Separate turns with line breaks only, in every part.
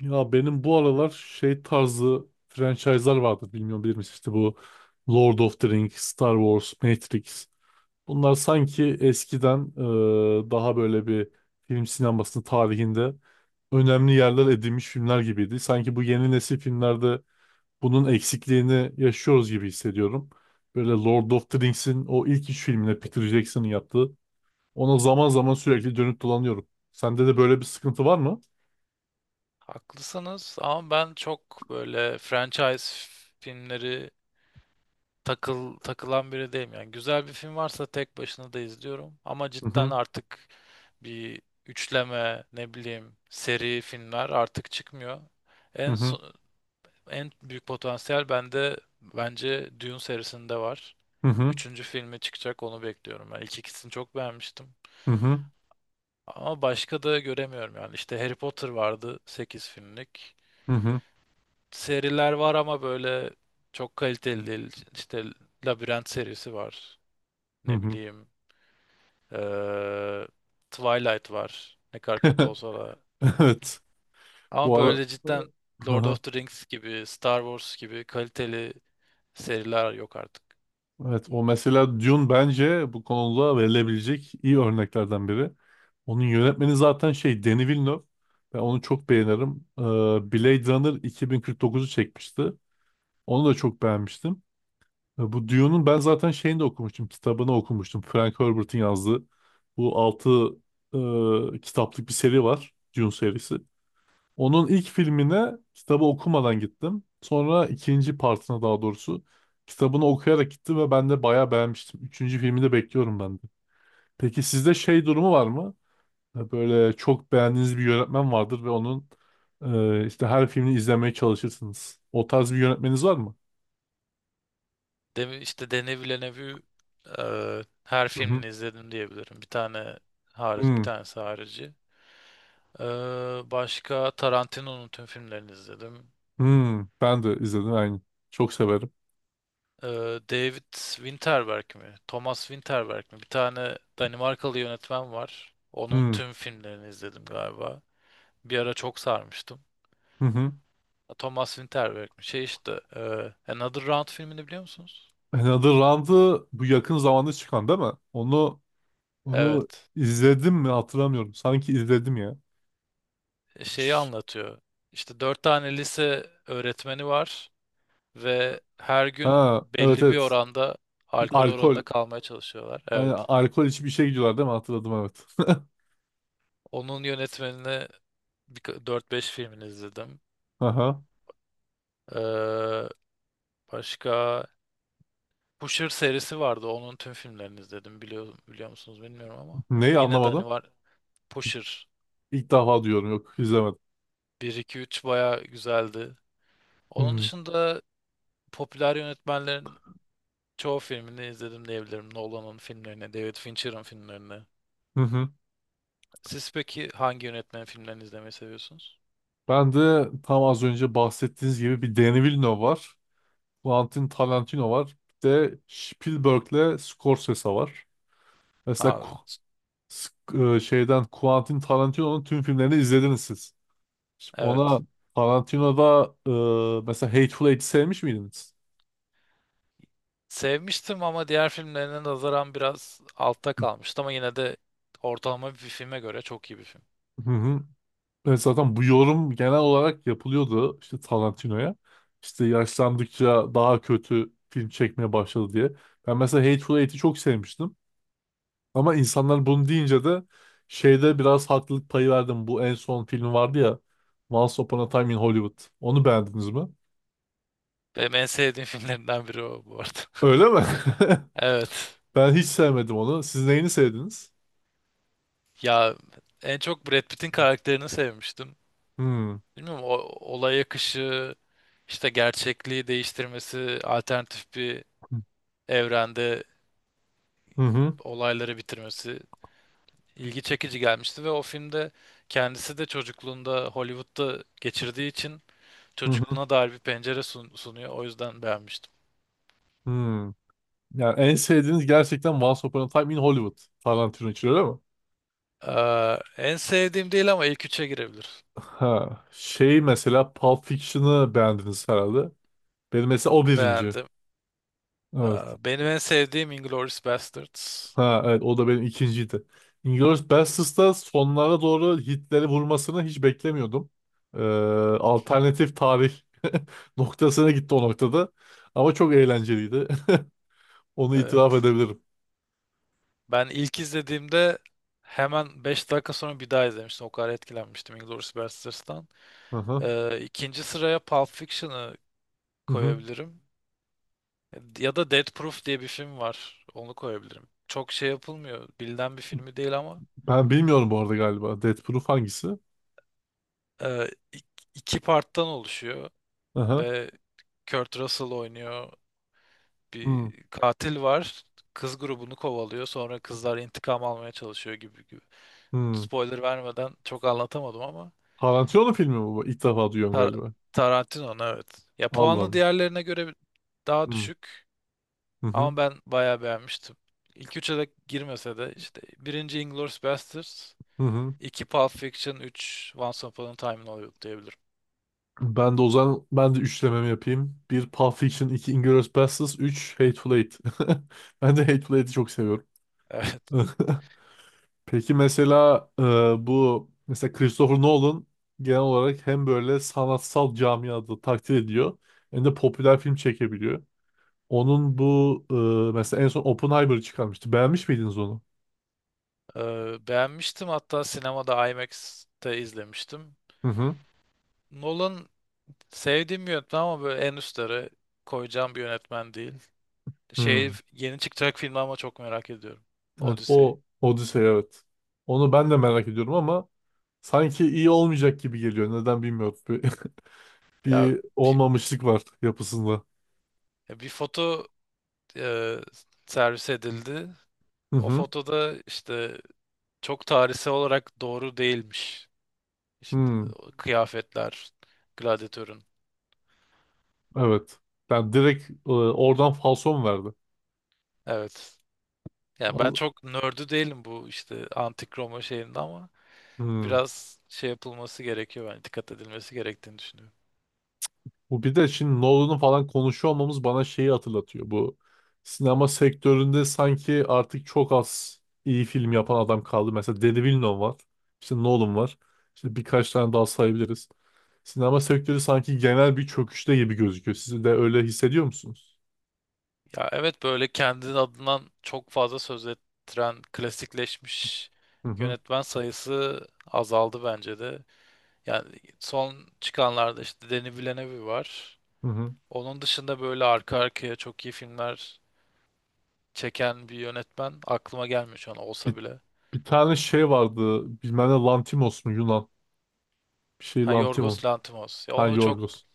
Ya benim bu aralar şey tarzı franchise'lar vardı, bilmiyorum, bilir misin? İşte bu Lord of the Rings, Star Wars, Matrix. Bunlar sanki eskiden daha böyle bir film sinemasının tarihinde önemli yerler edinmiş filmler gibiydi. Sanki bu yeni nesil filmlerde bunun eksikliğini yaşıyoruz gibi hissediyorum. Böyle Lord of the Rings'in o ilk üç filmine Peter Jackson'ın yaptığı. Ona zaman zaman sürekli dönüp dolanıyorum. Sende de böyle bir sıkıntı var mı?
Haklısınız ama ben çok böyle franchise filmleri takılan biri değilim. Yani güzel bir film varsa tek başına da izliyorum. Ama
Hı
cidden
hı,
artık bir üçleme ne bileyim seri filmler artık çıkmıyor.
hı
En
hı,
so- En büyük potansiyel bende bence Dune serisinde var.
hı hı,
Üçüncü filmi çıkacak onu bekliyorum. Ben ilk ikisini çok beğenmiştim.
hı hı.
Ama başka da göremiyorum yani. İşte Harry Potter vardı 8 filmlik,
Hı hı.
seriler var ama böyle çok kaliteli değil. İşte Labirent serisi var.
Hı
Ne
hı.
bileyim. eee, Twilight var. Ne kadar kötü olsa da.
Evet.
Ama
Bu ara...
böyle cidden
Hı
Lord
hı.
of the Rings gibi, Star Wars gibi kaliteli seriler yok artık.
Evet, o mesela Dune bence bu konuda verilebilecek iyi örneklerden biri. Onun yönetmeni zaten şey Denis Villeneuve. Ben onu çok beğenirim. Blade Runner 2049'u çekmişti. Onu da çok beğenmiştim. Bu Dune'un ben zaten şeyini de okumuştum. Kitabını okumuştum. Frank Herbert'in yazdığı. Bu altı kitaplık bir seri var. Dune serisi. Onun ilk filmine kitabı okumadan gittim. Sonra ikinci partına, daha doğrusu kitabını okuyarak gittim ve ben de bayağı beğenmiştim. Üçüncü filmi de bekliyorum ben de. Peki sizde şey durumu var mı? Böyle çok beğendiğiniz bir yönetmen vardır ve onun işte her filmini izlemeye çalışırsınız. O tarz bir yönetmeniniz var mı?
İşte Denis Villeneuve'ü her
Hı hı.
filmini izledim diyebilirim. Bir tane hariç, bir
Hmm.
tanesi harici. Başka Tarantino'nun tüm filmlerini izledim.
Hmm. Ben de izledim aynı. Çok severim.
Ee, David Winterberg mi? Thomas Winterberg mi? Bir tane Danimarkalı yönetmen var. Onun
Hmm.
tüm filmlerini izledim galiba. Bir ara çok sarmıştım.
Hı hı.
Thomas Winterberg mi? Şey işte Another Round filmini biliyor musunuz?
Another Round'ı, bu yakın zamanda çıkan değil mi? Onu
Evet.
izledim mi hatırlamıyorum. Sanki izledim ya.
Şeyi anlatıyor. İşte dört tane lise öğretmeni var ve her gün
Ha, evet,
belli bir
evet.
oranda alkol oranında
Alkol.
kalmaya çalışıyorlar.
Hani
Evet.
alkol içip işe gidiyorlar değil mi? Hatırladım, evet.
Onun yönetmenini 4-5 filmini izledim.
Aha.
Ee, Başka Pusher serisi vardı. Onun tüm filmlerini izledim. Biliyor musunuz bilmiyorum ama.
Neyi
Yine de hani
anlamadım?
var Pusher
İlk defa diyorum, yok, izlemedim.
bir 2 3 baya güzeldi. Onun
Hmm.
dışında popüler yönetmenlerin çoğu filmini izledim diyebilirim. Nolan'ın filmlerini, David Fincher'ın filmlerini.
Hı hı.
Siz peki hangi yönetmenin filmlerini izlemeyi seviyorsunuz?
Ben de tam az önce bahsettiğiniz gibi bir Danny Villeneuve var. Quentin Tarantino var. Bir de Spielberg'le Scorsese var. Mesela
Aa,
Sk- şeyden Quentin Tarantino'nun tüm filmlerini izlediniz siz. Ona
evet.
Tarantino'da mesela Hateful Eight'i sevmiş miydiniz?
Sevmiştim ama diğer filmlerine nazaran biraz altta kalmıştı ama yine de ortalama bir filme göre çok iyi bir film.
Hı hı. Evet, zaten bu yorum genel olarak yapılıyordu işte Tarantino'ya. İşte yaşlandıkça daha kötü film çekmeye başladı diye. Ben mesela Hateful Eight'i çok sevmiştim. Ama insanlar bunu deyince de şeyde biraz haklılık payı verdim. Bu en son film vardı ya, Once Upon a Time in Hollywood. Onu beğendiniz mi?
Benim en sevdiğim filmlerinden biri o bu arada.
Öyle mi?
Evet.
Ben hiç sevmedim onu. Siz neyini sevdiniz?
Ya en çok Brad Pitt'in karakterini sevmiştim.
Hmm.
Bilmiyorum o olay akışı, işte gerçekliği değiştirmesi, alternatif bir evrende
Hı hı.
olayları bitirmesi ilgi çekici gelmişti ve o filmde kendisi de çocukluğunda Hollywood'da geçirdiği için
Hı hı.
çocukluğuna dair bir pencere sunuyor. O yüzden beğenmiştim.
Hmm. Yani en sevdiğiniz gerçekten Once Upon a Time in Hollywood, Tarantino için, öyle mi?
En sevdiğim değil ama ilk üçe girebilir.
Ha. Şey, mesela Pulp Fiction'ı beğendiniz herhalde. Benim mesela o birinci.
Beğendim.
Evet.
Benim en sevdiğim Inglourious Basterds.
Ha, evet, o da benim ikinciydi. Inglourious Basterds'da sonlara doğru Hitler'i vurmasını hiç beklemiyordum. Ee, alternatif tarih noktasına gitti o noktada. Ama çok eğlenceliydi. Onu itiraf
Evet.
edebilirim.
Ben ilk izlediğimde hemen 5 dakika sonra bir daha izlemiştim. O kadar etkilenmiştim Inglourious Basterds'tan.
Hı hı.
İkinci sıraya Pulp Fiction'ı
Hı hı.
koyabilirim. Ya da Death Proof diye bir film var. Onu koyabilirim. Çok şey yapılmıyor. Bilinen bir filmi değil ama
Ben bilmiyorum bu arada, galiba. Death Proof hangisi?
e, ik- iki parttan oluşuyor
Hı hı.
ve Kurt Russell oynuyor.
Hmm.
Bir katil var. Kız grubunu kovalıyor. Sonra kızlar intikam almaya çalışıyor gibi gibi.
Hmm.
Spoiler vermeden çok anlatamadım ama
Tarantino filmi mi bu? İlk defa duyuyorum
Tar
galiba.
Tarantino'nun evet. Ya
Allah
puanlı
Allah.
diğerlerine göre daha
Hı.
düşük.
Hı hı.
Ama ben bayağı beğenmiştim. İlk üçe de girmese de işte birinci Inglourious Basterds,
Hı hı.
iki Pulp Fiction, üç Once Upon a Time in Hollywood diyebilirim.
Ben de o zaman ben de üçlememi yapayım. Bir Pulp Fiction, iki Inglourious Basterds, üç Hateful Eight. Ben de Hateful Eight'i çok seviyorum.
Evet.
Peki mesela bu mesela Christopher Nolan genel olarak hem böyle sanatsal camiada takdir ediyor hem de popüler film çekebiliyor. Onun bu mesela en son Oppenheimer'ı çıkarmıştı. Beğenmiş miydiniz onu?
Beğenmiştim. Hatta sinemada IMAX'te izlemiştim.
Hı hı.
Nolan sevdiğim bir yönetmen ama böyle en üstlere koyacağım bir yönetmen değil.
Hı.
Şey yeni çıkacak filmi ama çok merak ediyorum.
Evet,
Odyssey.
o Odyssey, evet. Onu ben de merak ediyorum ama sanki iyi olmayacak gibi geliyor. Neden bilmiyorum.
Ya
Bir
bir,
olmamışlık var yapısında.
ya bir foto e, servis edildi.
Hı
O
hı.
fotoda işte çok tarihsel olarak doğru değilmiş. İşte
Hmm,
o kıyafetler, gladyatörün.
evet. Yani direkt oradan falso mu verdi?
Evet. Yani ben
Al-
çok nördü değilim bu işte antik Roma şeyinde ama
Hmm.
biraz şey yapılması gerekiyor yani dikkat edilmesi gerektiğini düşünüyorum.
Bu bir de şimdi Nolan'ı falan konuşuyor olmamız bana şeyi hatırlatıyor. Bu sinema sektöründe sanki artık çok az iyi film yapan adam kaldı. Mesela Denis Villeneuve var. İşte Nolan var. İşte birkaç tane daha sayabiliriz. Sinema sektörü sanki genel bir çöküşte gibi gözüküyor. Siz de öyle hissediyor musunuz?
Ya evet böyle kendinin adından çok fazla söz ettiren klasikleşmiş
Hı hı,
yönetmen sayısı azaldı bence de. Yani son çıkanlarda işte Denis Villeneuve var.
hı hı.
Onun dışında böyle arka arkaya çok iyi filmler çeken bir yönetmen aklıma gelmiyor şu an
Bir,
olsa bile.
bir tane şey vardı. Bilmem ne Lantimos mu, Yunan? Bir şey
Ha
Lantimos,
Yorgos Lanthimos. Ya
Ha
onu çok
Yorgos.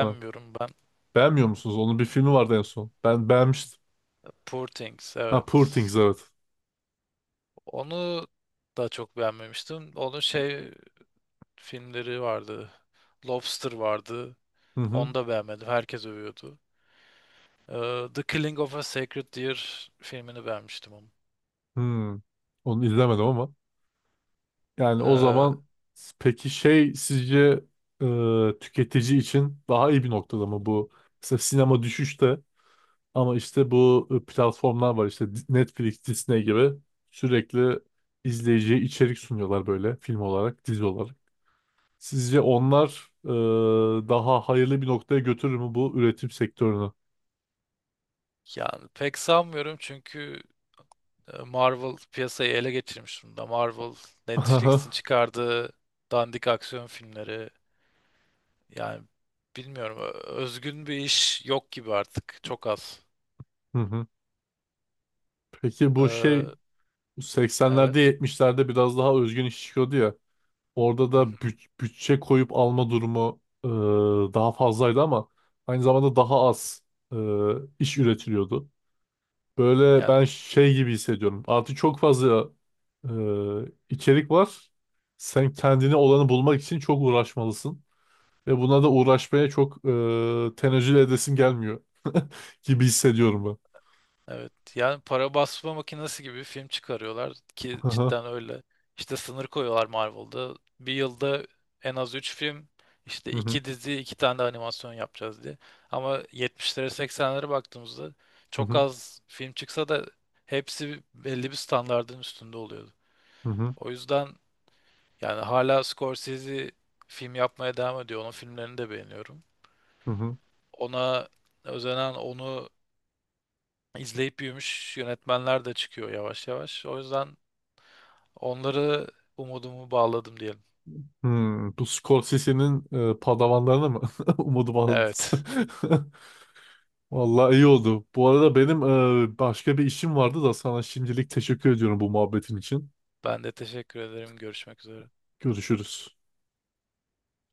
Ha.
ben.
Beğenmiyor musunuz? Onun bir filmi vardı en son. Ben beğenmiştim.
Poor Things
Ha, Poor
evet.
Things, evet.
Onu da çok beğenmemiştim. Onun şey filmleri vardı. Lobster vardı.
Hı hı.
Onu da beğenmedim. Herkes övüyordu. The Killing of a Sacred Deer filmini beğenmiştim ama.
Hmm. Onu izlemedim ama. Yani o
Ee,
zaman peki şey, sizce tüketici için daha iyi bir noktada mı bu? Mesela sinema düşüşte ama işte bu platformlar var işte, Netflix, Disney gibi, sürekli izleyiciye içerik sunuyorlar böyle, film olarak, dizi olarak. Sizce onlar daha hayırlı bir noktaya götürür mü bu üretim sektörünü?
Yani pek sanmıyorum çünkü Marvel piyasayı ele geçirmiş durumda. Marvel, Netflix'in çıkardığı dandik aksiyon filmleri yani bilmiyorum özgün bir iş yok gibi artık. Çok az.
Hı hı. Peki bu şey,
Ee,
80'lerde,
evet.
70'lerde biraz daha özgün iş çıkıyordu ya. Orada
Hı
da
hı.
bütçe koyup alma durumu daha fazlaydı ama aynı zamanda daha az e, iş üretiliyordu. Böyle
Yani
ben şey gibi hissediyorum. Artık çok fazla e, içerik var. Sen kendine olanı bulmak için çok uğraşmalısın. Ve buna da uğraşmaya çok tenezzül edesim gelmiyor gibi hissediyorum ben.
evet. Yani para basma makinesi gibi bir film çıkarıyorlar ki
Hı hı,
cidden öyle. İşte sınır koyuyorlar Marvel'da. Bir yılda en az 3 film, işte
hı hı,
2 dizi, 2 tane de animasyon yapacağız diye. Ama 70'lere 80'lere baktığımızda
hı
çok
hı,
az film çıksa da hepsi belli bir standardın üstünde oluyordu.
hı hı,
O yüzden yani hala Scorsese film yapmaya devam ediyor. Onun filmlerini de beğeniyorum.
hı.
Ona özenen, onu İzleyip büyümüş yönetmenler de çıkıyor yavaş yavaş. O yüzden onları umudumu bağladım diyelim.
Hmm, bu Scorsese'nin padavanlarına mı? Umudum aldı.
Evet.
Vallahi iyi oldu. Bu arada benim başka bir işim vardı da sana şimdilik teşekkür ediyorum bu muhabbetin için.
Ben de teşekkür ederim. Görüşmek üzere.
Görüşürüz.